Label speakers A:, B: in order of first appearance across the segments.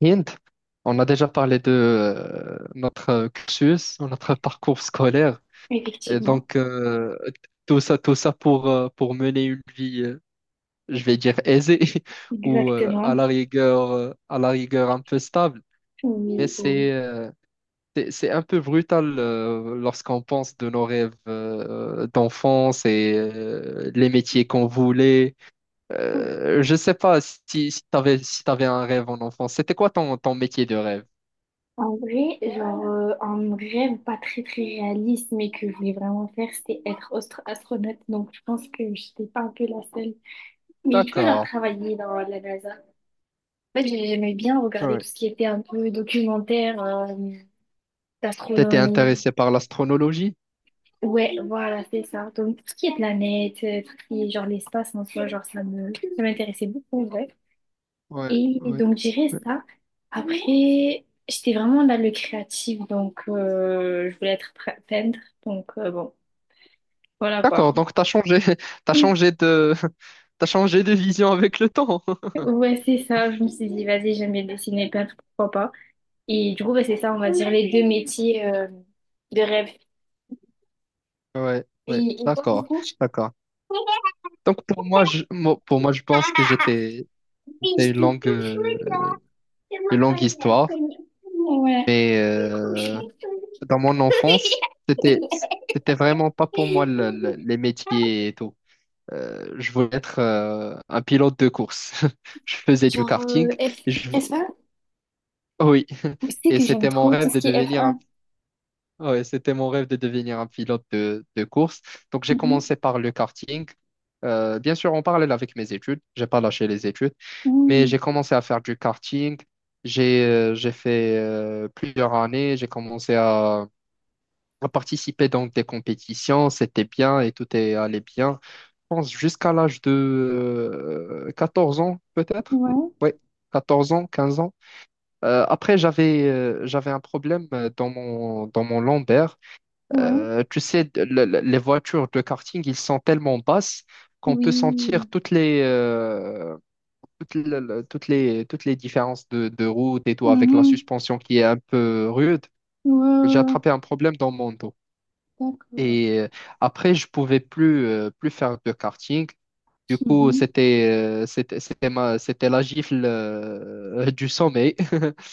A: Hind, on a déjà parlé de notre cursus, notre parcours scolaire, et
B: Effectivement,
A: tout ça pour mener une vie, je vais dire aisée, ou
B: exactement.
A: à la rigueur un peu stable. Mais
B: Oui, oui.
A: c'est un peu brutal lorsqu'on pense de nos rêves d'enfance et les métiers qu'on voulait.
B: Oui.
A: Je sais pas si, si tu avais, si t'avais un rêve en enfance. C'était quoi ton métier de rêve?
B: En vrai, genre, un rêve pas très très réaliste, mais que je voulais vraiment faire, c'était être astronaute. Donc, je pense que j'étais pas un peu la seule. Mais tu vois, genre,
A: D'accord.
B: travailler dans la NASA. En fait, j'aimais bien regarder
A: Ouais,
B: tout ce qui était un peu documentaire,
A: t'étais
B: d'astronomie.
A: intéressé par l'astronologie?
B: Ouais, voilà, c'est ça. Donc, tout ce qui est planète, tout ce qui est genre l'espace en soi, genre, ça m'intéressait beaucoup, ouais.
A: Ouais,
B: Et
A: ouais.
B: donc, je dirais ça. Après, j'étais vraiment dans le créatif, donc je voulais être peintre. Donc, bon, voilà quoi.
A: D'accord, donc t'as changé, t'as
B: Mm.
A: changé de, t'as changé de vision avec le temps.
B: Ouais, c'est ça. Je me suis dit, vas-y, j'aime bien dessiner, peindre, pourquoi pas. Et du coup, bah, c'est ça, on va dire, les deux métiers de rêve.
A: Ouais, ouais,
B: Et toi, du
A: d'accord,
B: coup?
A: d'accord. Donc pour moi, pour moi, je pense que
B: Oui,
A: c'était
B: je dis tout de là. C'est
A: une
B: moi, pas
A: longue
B: la
A: histoire.
B: conne. Ouais.
A: Mais
B: C'est cool, je suis tout de
A: dans mon enfance, c'était, c'était vraiment pas pour moi les métiers et tout. Je voulais être un pilote de course. Je faisais du
B: Genre,
A: karting. Je
B: F1?
A: Oui,
B: Tu sais
A: et
B: que j'aime
A: c'était mon
B: trop tout
A: rêve
B: ce
A: de
B: qui est
A: devenir
B: F1.
A: ouais, c'était mon rêve de devenir un pilote de course. Donc j'ai
B: Mhm.
A: commencé par le karting. Bien sûr, en parallèle avec mes études, j'ai pas lâché les études, mais
B: Mhm.
A: j'ai commencé à faire du karting. J'ai fait plusieurs années. À participer dans des compétitions. C'était bien et tout est allé bien. Je pense jusqu'à l'âge de 14 ans peut-être.
B: Ouais,
A: Oui, 14 ans, 15 ans. Après, j'avais un problème dans dans mon lambert.
B: ouais,
A: Tu sais, les voitures de karting, ils sont tellement basses qu'on peut sentir
B: oui.
A: toutes les, toutes, toutes toutes les différences de route et tout avec la
B: Mhm.
A: suspension qui est un peu rude.
B: Ouais,
A: J'ai
B: ouais,
A: attrapé un problème dans mon dos.
B: ouais. D'accord.
A: Et après, je pouvais plus, plus faire de karting. Du coup,
B: Mhm.
A: c'était la gifle du sommeil.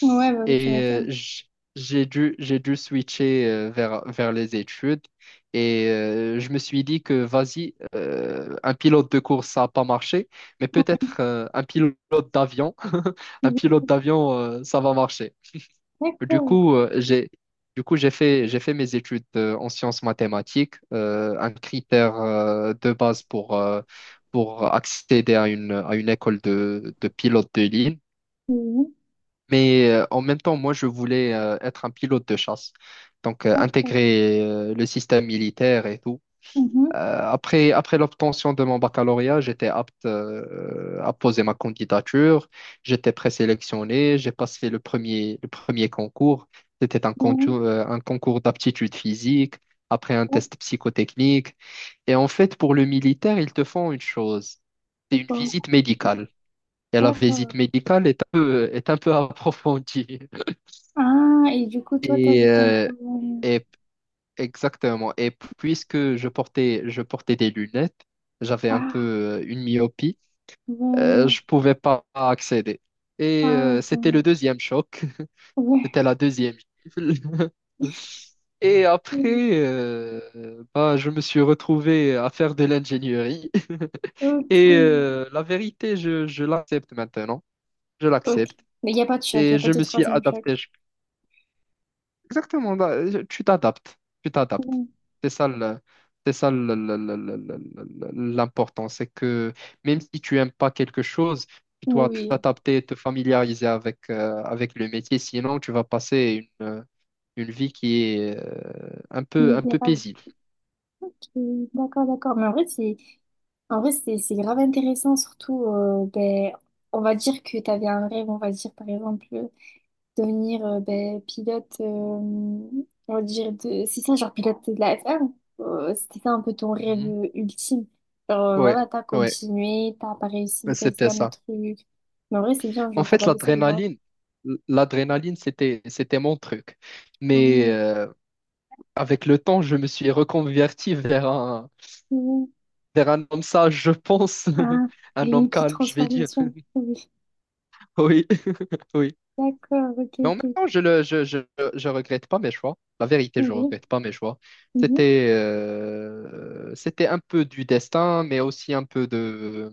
B: Ouais, bah oui, tu
A: Et
B: m'étonnes.
A: j'ai dû switcher vers les études. Et je me suis dit que, vas-y, un pilote de course, ça n'a pas marché, mais peut-être un pilote d'avion, un
B: Oui,
A: pilote
B: oui.
A: d'avion, ça va marcher. Du
B: D'accord.
A: coup, j'ai fait mes études en sciences mathématiques, un critère de base pour accéder à une école de pilote de ligne.
B: Oui,
A: Mais en même temps, moi je voulais être un pilote de chasse, donc
B: d'accord.
A: intégrer le système militaire et tout.
B: Mhm.
A: Après l'obtention de mon baccalauréat, j'étais apte à poser ma candidature. J'étais présélectionné. J'ai passé le premier concours. C'était
B: Ouais,
A: un concours d'aptitude physique, après un
B: ouais,
A: test psychotechnique. Et en fait, pour le militaire, ils te font une chose. C'est
B: c'est
A: une
B: bon.
A: visite médicale. Et la visite
B: D'accord.
A: médicale est un peu approfondie.
B: Ah, et du coup, toi,
A: Et,
B: t'avais ton
A: euh,
B: problème.
A: et Exactement. Et je portais des lunettes, j'avais un peu
B: Ah,
A: une myopie,
B: bon.
A: je pouvais pas accéder. Et
B: Ah,
A: c'était le
B: dommage.
A: deuxième choc,
B: Ouais.
A: c'était la deuxième gifle. Et
B: Ok.
A: après, bah, je me suis retrouvé à faire de l'ingénierie. Et la vérité, je l'accepte maintenant. Je
B: Ok.
A: l'accepte.
B: Mais il n'y a pas de choc, il n'y
A: Et
B: a pas
A: je
B: de
A: me suis
B: troisième choc.
A: adapté. Exactement, bah, tu t'adaptes, tu t'adaptes.
B: Oui,
A: C'est ça le- c'est ça l'important, c'est que même si tu aimes pas quelque chose, tu dois
B: oui.
A: t'adapter, te familiariser avec, avec le métier, sinon tu vas passer une vie qui est un peu
B: Misérable.
A: paisible.
B: Ok, d'accord, d'accord. Mais en vrai, c'est grave intéressant, surtout, ben, on va dire que tu avais un rêve, on va dire, par exemple, devenir ben, pilote, on va dire, de... c'est ça, genre pilote de la F1. C'était ça un peu ton rêve
A: Mhm.
B: ultime. Genre,
A: Ouais,
B: voilà, t'as
A: ouais,
B: continué, t'as pas réussi, t'as
A: c'était
B: essayé un
A: ça.
B: autre truc. Mais en vrai, c'est bien,
A: En
B: genre, t'as
A: fait,
B: pas baissé les bras.
A: l'adrénaline, c'était mon truc. Mais
B: Mmh,
A: avec le temps, je me suis reconverti vers un
B: mmh.
A: vers un homme sage, je pense.
B: Ah, t'as eu
A: Un
B: une
A: homme
B: petite
A: calme, je vais dire.
B: transformation. Oui.
A: Oui, oui.
B: D'accord, ok,
A: Mais en même
B: ok.
A: temps, je le, je regrette pas mes choix. La vérité, je
B: Oui.
A: regrette pas mes choix.
B: Oui.
A: C'était un peu du destin, mais aussi un peu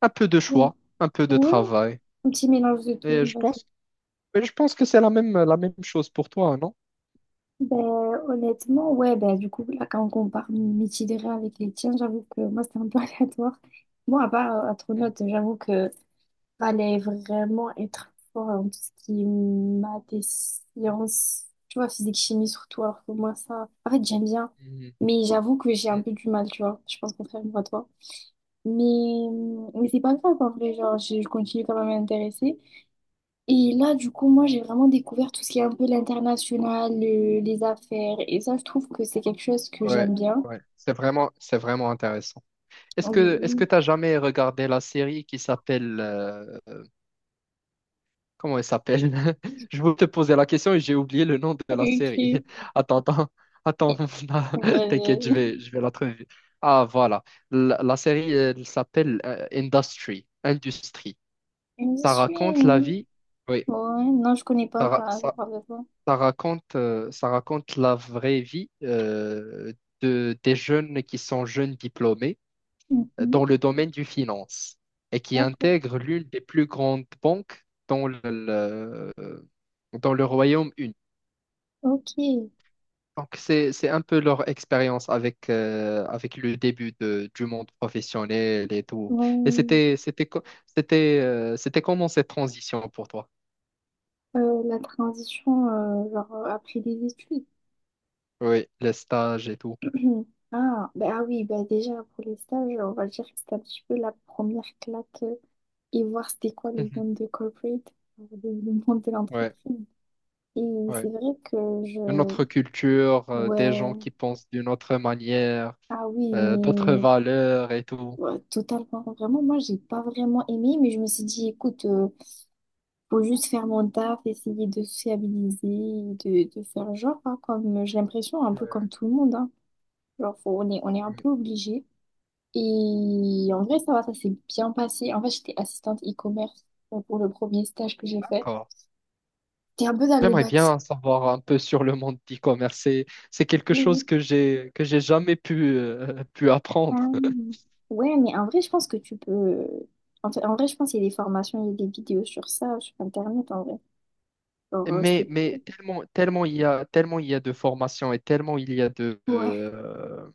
A: un peu de
B: Mhm.
A: choix, un peu de
B: Ouais,
A: travail.
B: un petit mélange de
A: Et
B: tout,
A: je
B: vas-y.
A: pense, mais je pense que c'est la même chose pour toi, non?
B: Ben, honnêtement, ouais, ben, du coup, là, quand on compare mes titres avec les tiens, j'avoue que moi, c'était un peu aléatoire. Moi, à part Astronaute, j'avoue que fallait vraiment être fort en tout ce qui est maths et sciences, tu vois, physique, chimie surtout, alors que moi, ça, en fait, j'aime bien.
A: Mhm.
B: Mais j'avoue que j'ai un peu du mal, tu vois. Je pense contrairement à toi. Mais, mais c'est pas grave, en vrai, genre, je continue quand même à m'intéresser. Et là, du coup, moi, j'ai vraiment découvert tout ce qui est un peu l'international, les affaires. Et ça, je trouve que c'est quelque chose que
A: Ouais,
B: j'aime bien.
A: ouais. C'est vraiment intéressant. Est-ce que
B: Oui,
A: t'as jamais regardé la série qui s'appelle comment elle s'appelle? Je voulais te poser la question et j'ai oublié le nom de la série.
B: ok.
A: Attends, attends, attends, non, t'inquiète,
B: Euh,
A: je vais la trouver. Ah, voilà. La série, elle s'appelle Industry, Industrie.
B: je
A: Ça
B: suis...
A: raconte la vie, oui,
B: Ouais, non, je connais pas
A: ça, ra-
B: ça. Ça
A: ça-
B: parle de quoi?
A: ça raconte, la vraie vie de, des jeunes qui sont jeunes diplômés
B: Mhm.
A: dans le domaine du finance et qui
B: D'accord.
A: intègre l'une des plus grandes banques dans dans le Royaume-Uni.
B: Ok.
A: Donc, c'est un peu leur expérience avec, avec le début du monde professionnel et tout. Et
B: Bon,
A: c'était comment cette transition pour toi?
B: la transition, genre, après les études.
A: Oui, les stages et tout.
B: Mhm. Ah, ben ah oui, ben déjà pour les stages, on va dire que c'était un petit peu la première claque et voir c'était quoi le
A: Mhm.
B: monde de corporate, le monde de
A: Ouais,
B: l'entreprise. Et
A: ouais.
B: c'est vrai que
A: Une
B: je...
A: autre culture, des
B: Ouais,
A: gens qui pensent d'une autre manière,
B: ah oui,
A: d'autres
B: mais
A: valeurs et tout.
B: ouais, totalement, vraiment, moi j'ai pas vraiment aimé, mais je me suis dit, écoute, faut juste faire mon taf, essayer de sociabiliser, de faire genre, hein, comme j'ai l'impression, un peu
A: Ouais,
B: comme tout le monde, hein. Genre, on est un
A: ouais.
B: peu obligé. Et en vrai, ça va, ça s'est bien passé. En fait, j'étais assistante e-commerce pour le premier stage que j'ai fait.
A: D'accord.
B: T'es un peu dans le
A: J'aimerais
B: bâtiment.
A: bien savoir un peu sur le monde d'e-commerce. C'est quelque chose que j'ai jamais pu pu apprendre.
B: Ouais, mais en vrai, je pense que tu peux. En fait, en vrai, je pense qu'il y a des formations, il y a des vidéos sur ça, sur Internet, en vrai. Genre,
A: Tellement tellement il y a de formations et tellement il y a
B: Ouais.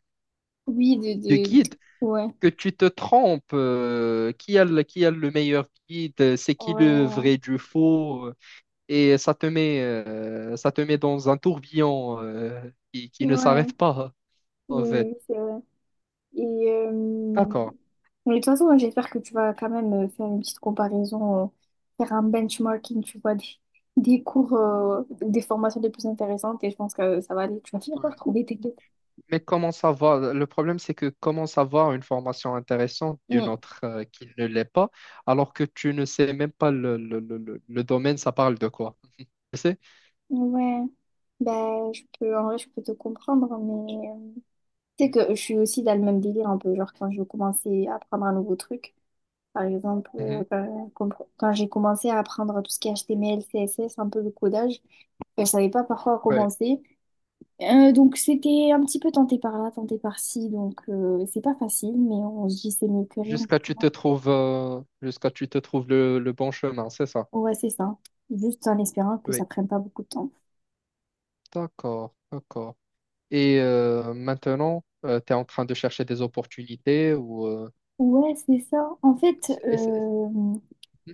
B: Oui,
A: de guides
B: Ouais.
A: que tu te trompes. Euh, qui a le meilleur guide? C'est qui le
B: Ouais.
A: vrai du faux? Euh, et ça te met dans un tourbillon qui ne
B: Ouais.
A: s'arrête pas
B: Oui,
A: en fait.
B: oui, c'est vrai. Et,
A: D'accord.
B: mais de toute façon, j'espère que tu vas quand même faire une petite comparaison, faire un benchmarking, tu vois, des cours, des formations les plus intéressantes et je pense que ça va aller. Tu vas finir par
A: Ouais.
B: trouver tes deux.
A: Mais comment savoir? Le problème, c'est que comment savoir une formation intéressante d'une
B: Mm.
A: autre qui ne l'est pas, alors que tu ne sais même pas le domaine, ça parle de quoi? Tu sais?
B: Ouais. Ben, je peux, en vrai, je peux te comprendre, mais tu sais que je suis aussi dans le même délire un peu. Genre, quand je commençais à apprendre un nouveau truc, par exemple,
A: Mhm.
B: quand, quand j'ai commencé à apprendre tout ce qui est HTML, CSS, un peu le codage, ben, je savais pas par quoi
A: Ouais.
B: commencer. Donc c'était un petit peu tenté par là, tenté par ci, donc c'est pas facile, mais on se dit c'est mieux que rien, tu vois.
A: Jusqu'à tu te trouves le bon chemin, c'est ça?
B: Ouais, c'est ça. Juste en espérant que ça
A: Oui.
B: prenne pas beaucoup de temps.
A: D'accord, d'accord. Et maintenant, tu es en train de chercher des opportunités ou...
B: Ouais, c'est ça.
A: c'est- c'est-
B: Euh,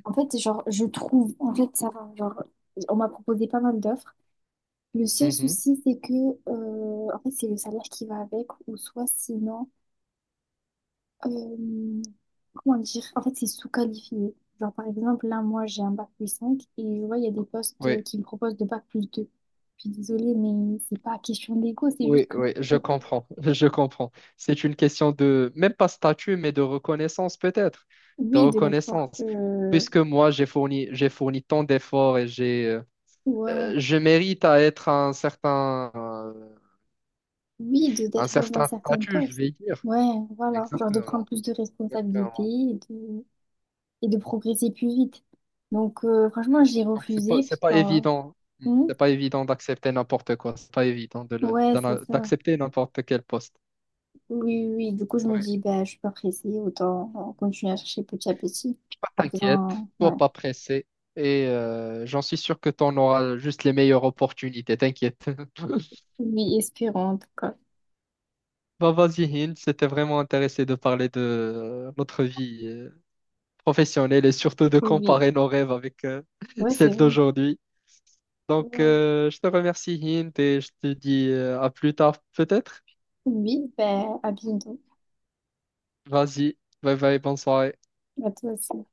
B: en fait, Genre, je trouve, en fait, ça va. Genre, on m'a proposé pas mal d'offres. Le seul
A: Mhm.
B: souci, c'est que, en fait, c'est le salaire qui va avec, ou soit sinon, euh, comment dire? En fait, c'est sous-qualifié. Genre, par exemple, là, moi, j'ai un bac +5 et je vois, il y a des postes
A: Mhm.
B: qui me proposent de bac +2. Je suis désolée, mais c'est pas question d'ego, c'est juste
A: Oui,
B: que,
A: oui, je comprends, je comprends. C'est une question de, même pas statut, mais de reconnaissance peut-être, de
B: oui, de l'effort
A: reconnaissance.
B: que,
A: Puisque moi, j'ai fourni tant d'efforts et j'ai,
B: ouais,
A: je mérite à être
B: oui, de
A: un
B: d'être dans un
A: certain
B: certain
A: statut, je
B: poste.
A: vais dire.
B: Ouais, voilà. Genre, de prendre
A: Exactement,
B: plus de responsabilités
A: exactement.
B: et de progresser plus vite. Donc, franchement,
A: Mm.
B: j'ai
A: Donc,
B: refusé
A: c'est
B: parce
A: pas
B: que,
A: évident. Mm. C'est pas évident d'accepter n'importe quoi. C'est pas évident de
B: ouais, c'est ça.
A: d'accepter n'importe quel poste.
B: Oui, oui, du coup, je me
A: Ouais.
B: dis, bah, je suis pas pressée, autant continuer à chercher petit à petit,
A: Pas
B: en
A: t'inquiète,
B: faisant, ouais,
A: sois pas pressé et j'en suis sûr que tu en auras juste les meilleures opportunités, t'inquiète.
B: oui, espérant, en tout cas.
A: Bah vas-y Hind, c'était vraiment intéressé de parler de notre vie professionnelle et surtout de
B: Oui,
A: comparer nos rêves avec
B: ouais, c'est
A: celles
B: vrai.
A: d'aujourd'hui. Donc je te remercie Hind et je te dis à plus tard peut-être.
B: Oui, bah, à bientôt,
A: Vas-y, bye bye, bonne soirée.
B: à toi aussi.